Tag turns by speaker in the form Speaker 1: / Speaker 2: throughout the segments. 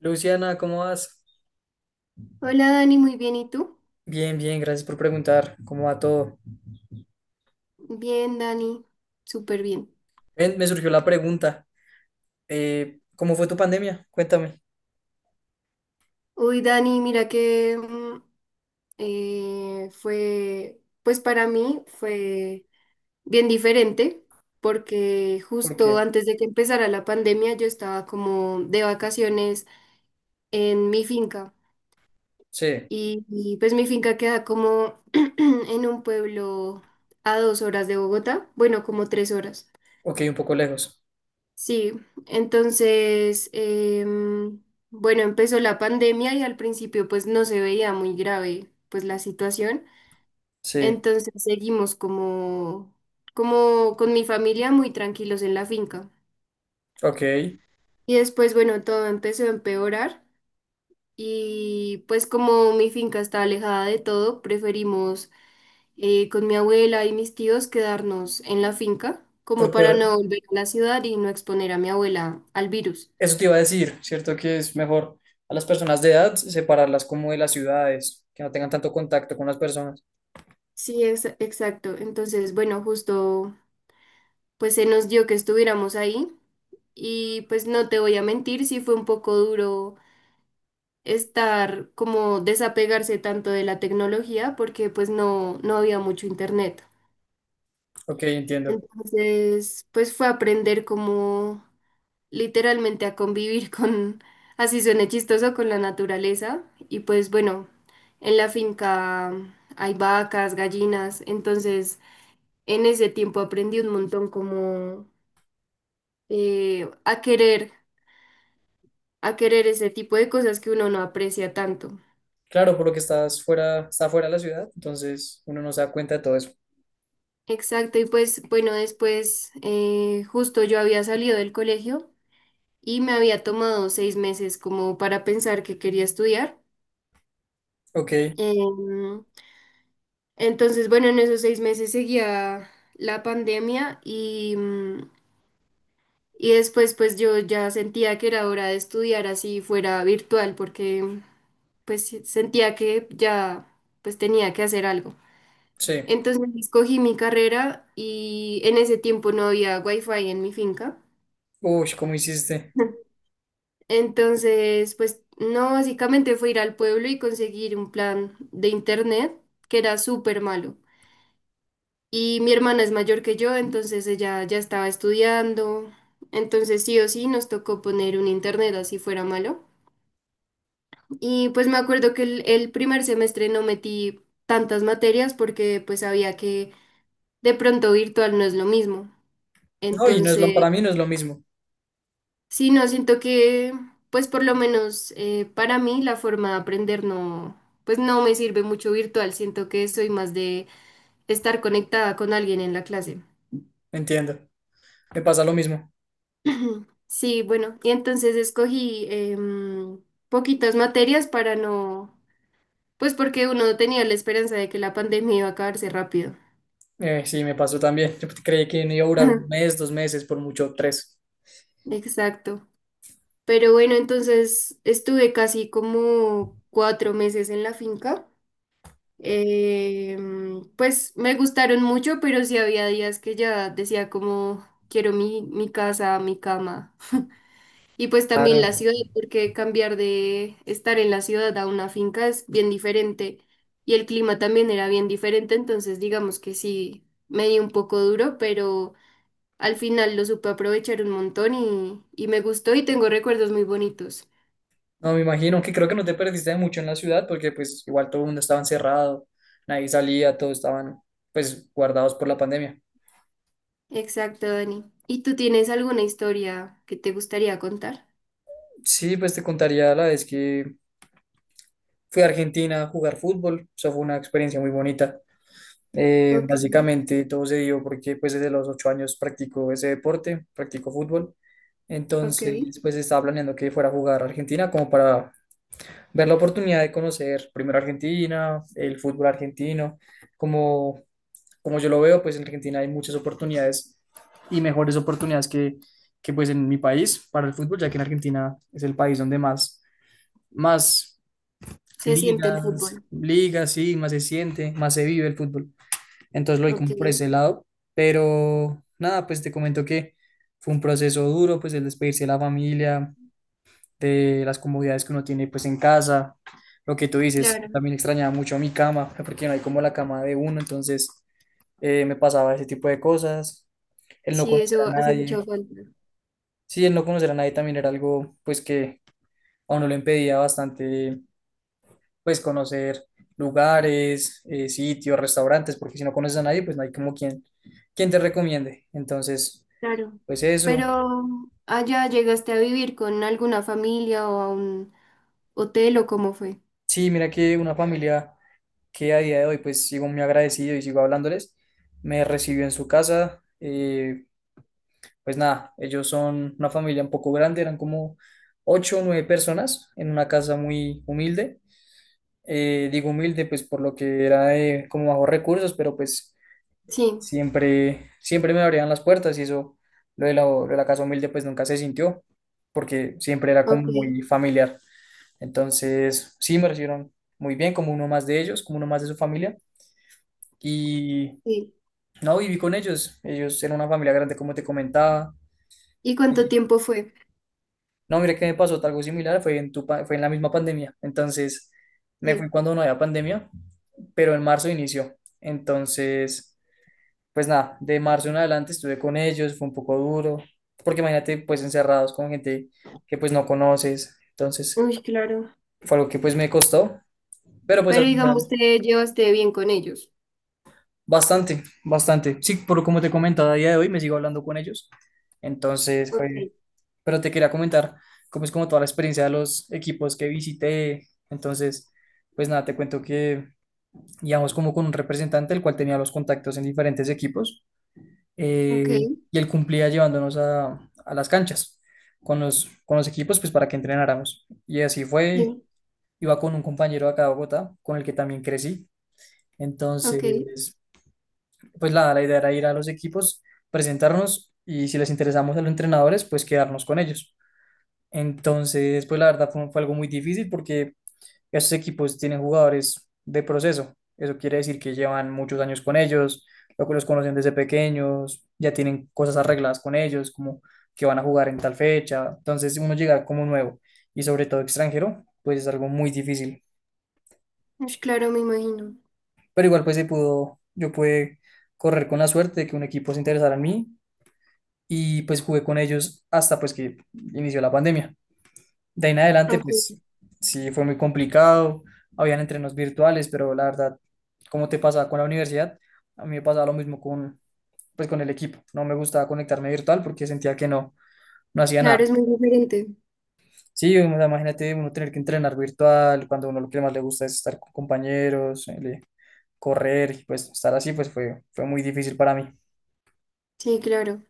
Speaker 1: Luciana, ¿cómo vas?
Speaker 2: Hola Dani, muy bien, ¿y tú?
Speaker 1: Bien, bien, gracias por preguntar. ¿Cómo va todo?
Speaker 2: Bien, Dani, súper bien.
Speaker 1: Ven, me surgió la pregunta. ¿Cómo fue tu pandemia? Cuéntame.
Speaker 2: Uy, Dani, mira que pues para mí fue bien diferente, porque
Speaker 1: ¿Por
Speaker 2: justo
Speaker 1: qué?
Speaker 2: antes de que empezara la pandemia yo estaba como de vacaciones en mi finca
Speaker 1: Sí.
Speaker 2: y, pues mi finca queda como en un pueblo a 2 horas de Bogotá, bueno, como 3 horas.
Speaker 1: Ok, un poco lejos.
Speaker 2: Sí, entonces, em, bueno, empezó la pandemia y al principio pues no se veía muy grave pues la situación.
Speaker 1: Sí.
Speaker 2: Entonces seguimos como con mi familia muy tranquilos en la finca.
Speaker 1: Ok.
Speaker 2: Y después, bueno, todo empezó a empeorar y pues como mi finca está alejada de todo, preferimos con mi abuela y mis tíos quedarnos en la finca como
Speaker 1: Porque
Speaker 2: para
Speaker 1: ahora-
Speaker 2: no volver a la ciudad y no exponer a mi abuela al virus.
Speaker 1: Eso te iba a decir, ¿cierto? Que es mejor a las personas de edad separarlas como de las ciudades, que no tengan tanto contacto con las personas.
Speaker 2: Sí, exacto. Entonces, bueno, justo pues se nos dio que estuviéramos ahí y pues no te voy a mentir, sí fue un poco duro estar como desapegarse tanto de la tecnología porque pues no, no había mucho internet.
Speaker 1: Ok, entiendo.
Speaker 2: Entonces, pues fue aprender como literalmente a convivir con, así suene chistoso, con la naturaleza y pues bueno, en la finca hay vacas, gallinas, entonces... En ese tiempo aprendí un montón como eh, a querer, a querer ese tipo de cosas que uno no aprecia tanto.
Speaker 1: Claro, por lo que está fuera de la ciudad, entonces uno no se da cuenta de todo eso.
Speaker 2: Exacto, y pues bueno, después justo yo había salido del colegio y me había tomado 6 meses como para pensar que quería estudiar.
Speaker 1: Ok,
Speaker 2: Em, entonces, bueno, en esos 6 meses seguía la pandemia y después pues yo ya sentía que era hora de estudiar así fuera virtual porque pues sí, sentía que ya pues tenía que hacer algo.
Speaker 1: sí.
Speaker 2: Entonces escogí mi carrera y en ese tiempo no había wifi en mi finca.
Speaker 1: Uy, ¿cómo hiciste?
Speaker 2: Entonces, pues no, básicamente fue ir al pueblo y conseguir un plan de internet que era súper malo. Y mi hermana es mayor que yo, entonces ella ya estaba estudiando. Entonces sí o sí nos tocó poner un internet así fuera malo. Y pues me acuerdo que el primer semestre no metí tantas materias porque pues sabía que de pronto virtual no es lo mismo.
Speaker 1: No, y no es lo,
Speaker 2: Entonces,
Speaker 1: para mí no es lo mismo,
Speaker 2: sí, no, siento que, pues por lo menos para mí la forma de aprender no, pues no me sirve mucho virtual, siento que soy más de estar conectada con alguien en la clase.
Speaker 1: entiendo. Me pasa lo mismo.
Speaker 2: Sí, bueno, y entonces escogí poquitas materias para no, pues porque uno tenía la esperanza de que la pandemia iba a acabarse rápido.
Speaker 1: Sí, me pasó también. Yo creí que me iba a durar un
Speaker 2: Ujú.
Speaker 1: mes, 2 meses, por mucho tres.
Speaker 2: Exacto. Pero bueno, entonces estuve casi como 4 meses en la finca. Pues me gustaron mucho, pero sí había días que ya decía como quiero mi casa, mi cama. Y pues también la
Speaker 1: Claro.
Speaker 2: ciudad, porque cambiar de estar en la ciudad a una finca es bien diferente. Y el clima también era bien diferente, entonces digamos que sí, me di un poco duro, pero al final lo supe aprovechar un montón y me gustó y tengo recuerdos muy bonitos.
Speaker 1: No, me imagino que creo que no te perdiste de mucho en la ciudad porque pues igual todo el mundo estaba encerrado, nadie salía, todos estaban pues guardados por la pandemia.
Speaker 2: Exacto, Dani. ¿Y tú tienes alguna historia que te gustaría contar?
Speaker 1: Sí, pues te contaría la vez que fui a Argentina a jugar fútbol, eso fue una experiencia muy bonita.
Speaker 2: Ok.
Speaker 1: Básicamente todo se dio porque pues desde los 8 años practico ese deporte, practico fútbol.
Speaker 2: Ok,
Speaker 1: Entonces pues estaba planeando que fuera a jugar a Argentina como para ver la oportunidad de conocer primero Argentina, el fútbol argentino. Como, como yo lo veo pues en Argentina hay muchas oportunidades y mejores oportunidades que pues en mi país para el fútbol, ya que en Argentina es el país donde más
Speaker 2: se siente el
Speaker 1: ligas,
Speaker 2: fútbol.
Speaker 1: ligas, sí, más se siente, más se vive el fútbol. Entonces lo vi
Speaker 2: Ok,
Speaker 1: como por ese lado, pero nada, pues te comento que fue un proceso duro, pues el despedirse de la familia, de las comodidades que uno tiene pues en casa, lo que tú dices,
Speaker 2: claro,
Speaker 1: también extrañaba mucho mi cama, porque no hay como la cama de uno, entonces me pasaba ese tipo de cosas, el no
Speaker 2: sí,
Speaker 1: conocer
Speaker 2: eso
Speaker 1: a
Speaker 2: hace mucha
Speaker 1: nadie,
Speaker 2: falta.
Speaker 1: sí, el no conocer a nadie también era algo pues que a uno le impedía bastante pues conocer lugares, sitios, restaurantes, porque si no conoces a nadie, pues no hay como quien, te recomiende. Entonces,
Speaker 2: Claro,
Speaker 1: pues eso.
Speaker 2: pero allá llegaste a vivir con alguna familia o a un hotel o cómo fue.
Speaker 1: Sí, mira que una familia que a día de hoy, pues sigo muy agradecido y sigo hablándoles, me recibió en su casa. Pues nada, ellos son una familia un poco grande, eran como ocho o nueve personas en una casa muy humilde. Digo humilde, pues por lo que era de como bajos recursos, pero pues
Speaker 2: Sí,
Speaker 1: siempre, siempre me abrían las puertas y eso, lo de la casa humilde pues nunca se sintió porque siempre era como
Speaker 2: ok,
Speaker 1: muy familiar. Entonces, sí, me recibieron muy bien, como uno más de ellos, como uno más de su familia. Y
Speaker 2: sí.
Speaker 1: no, viví con ellos. Ellos eran una familia grande, como te comentaba.
Speaker 2: ¿Y cuánto tiempo fue?
Speaker 1: No, mira que me pasó algo similar, fue en la misma pandemia. Entonces, me fui
Speaker 2: Sí,
Speaker 1: cuando no había pandemia, pero en marzo inició. Entonces, pues nada, de marzo en adelante estuve con ellos, fue un poco duro, porque imagínate pues encerrados con gente que pues no conoces, entonces
Speaker 2: uy, claro.
Speaker 1: fue algo que pues me costó, pero pues al
Speaker 2: Pero
Speaker 1: final
Speaker 2: digamos, te llevaste bien con ellos.
Speaker 1: bastante, bastante. Sí, por como te comentaba a día de hoy me sigo hablando con ellos, entonces fue,
Speaker 2: Ok,
Speaker 1: pero te quería comentar cómo es como toda la experiencia de los equipos que visité, entonces pues nada, te cuento que íbamos como con un representante el cual tenía los contactos en diferentes equipos.
Speaker 2: ok,
Speaker 1: eh, y él cumplía llevándonos a, las canchas con los equipos pues para que entrenáramos. Y así fue,
Speaker 2: sí,
Speaker 1: iba con un compañero acá de Bogotá, con el que también crecí.
Speaker 2: ok.
Speaker 1: Entonces, pues la idea era ir a los equipos, presentarnos y si les interesamos a los entrenadores, pues quedarnos con ellos. Entonces, pues la verdad fue algo muy difícil porque estos equipos tienen jugadores de proceso. Eso quiere decir que llevan muchos años con ellos, lo que los conocen desde pequeños, ya tienen cosas arregladas con ellos, como que van a jugar en tal fecha. Entonces, uno llegar como nuevo y sobre todo extranjero, pues es algo muy difícil.
Speaker 2: Ush, claro, me imagino.
Speaker 1: Pero igual, pues se pudo, yo pude correr con la suerte de que un equipo se interesara en mí y pues jugué con ellos hasta pues que inició la pandemia. De ahí en adelante,
Speaker 2: Ok,
Speaker 1: pues sí, fue muy complicado. Habían entrenos virtuales, pero la verdad, como te pasaba con la universidad, a mí me pasaba lo mismo pues, con el equipo. No me gustaba conectarme virtual porque sentía que no, no hacía
Speaker 2: claro,
Speaker 1: nada.
Speaker 2: es muy diferente.
Speaker 1: Sí, o sea, imagínate uno tener que entrenar virtual cuando uno lo que más le gusta es estar con compañeros, correr, y pues estar así, pues fue muy difícil para mí.
Speaker 2: Sí, claro.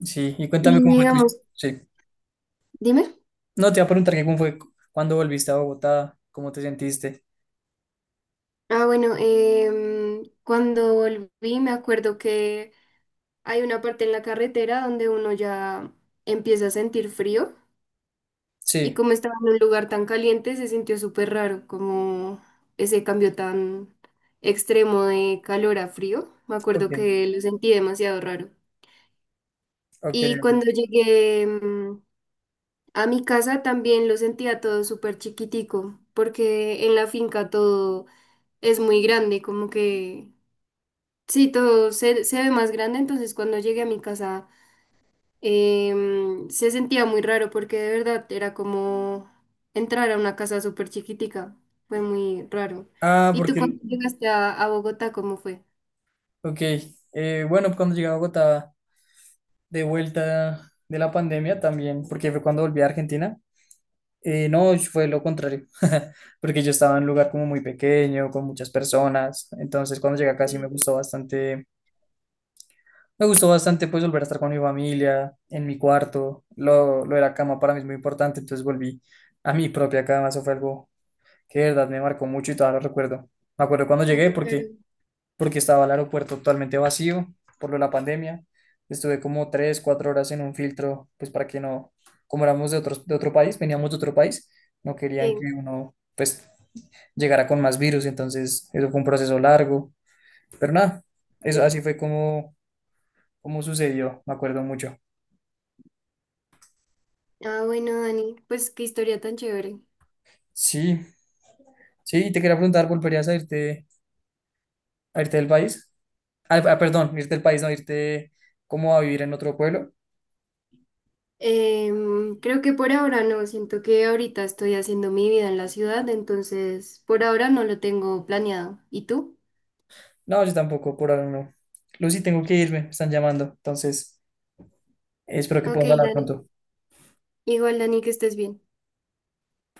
Speaker 1: Sí, y cuéntame
Speaker 2: Y
Speaker 1: cómo fue tu.
Speaker 2: digamos,
Speaker 1: Sí,
Speaker 2: dime.
Speaker 1: no te iba a preguntar que cómo fue cuando volviste a Bogotá, cómo te sentiste.
Speaker 2: Ah, bueno, cuando volví me acuerdo que hay una parte en la carretera donde uno ya empieza a sentir frío y
Speaker 1: Sí,
Speaker 2: como estaba en un lugar tan caliente se sintió súper raro, como ese cambio tan extremo de calor a frío. Me
Speaker 1: ok,
Speaker 2: acuerdo que lo sentí demasiado raro.
Speaker 1: ok.
Speaker 2: Y
Speaker 1: Ok.
Speaker 2: cuando llegué a mi casa también lo sentía todo súper chiquitico, porque en la finca todo es muy grande, como que... Sí, todo se ve más grande, entonces cuando llegué a mi casa se sentía muy raro porque de verdad era como entrar a una casa súper chiquitica, fue muy raro.
Speaker 1: Ah,
Speaker 2: ¿Y tú
Speaker 1: porque,
Speaker 2: cuando
Speaker 1: el-
Speaker 2: llegaste a Bogotá, cómo fue?
Speaker 1: ok, bueno, cuando llegué a Bogotá, de vuelta de la pandemia también, porque fue cuando volví a Argentina, no, fue lo contrario, porque yo estaba en un lugar como muy pequeño, con muchas personas, entonces cuando llegué
Speaker 2: Ok,
Speaker 1: acá sí me gustó bastante pues volver a estar con mi familia, en mi cuarto, lo de la cama para mí es muy importante, entonces volví a mi propia cama, eso fue algo que de verdad me marcó mucho y todavía lo recuerdo. Me acuerdo cuando
Speaker 2: ah,
Speaker 1: llegué porque...
Speaker 2: claro,
Speaker 1: porque estaba el aeropuerto totalmente vacío por lo de la pandemia. Estuve como 3, 4 horas en un filtro, pues para que no, como éramos de otro país, veníamos de otro país, no querían que
Speaker 2: sí,
Speaker 1: uno, pues, llegara con más virus, entonces eso fue un proceso largo, pero nada, eso
Speaker 2: sí.
Speaker 1: así fue como sucedió, me acuerdo mucho.
Speaker 2: Ah, bueno, Dani, pues qué historia tan chévere.
Speaker 1: Sí, sí, te quería preguntar, ¿volverías a irte del país? Ah, ah, perdón, irte del país, no, irte como a vivir en otro pueblo.
Speaker 2: Creo que por ahora no, siento que ahorita estoy haciendo mi vida en la ciudad, entonces por ahora no lo tengo planeado. ¿Y tú?
Speaker 1: No, yo tampoco, por ahora no. Lucy, tengo que irme, me están llamando, entonces espero que
Speaker 2: Ok,
Speaker 1: podamos hablar
Speaker 2: Dani.
Speaker 1: pronto.
Speaker 2: Igual, Dani, que estés bien.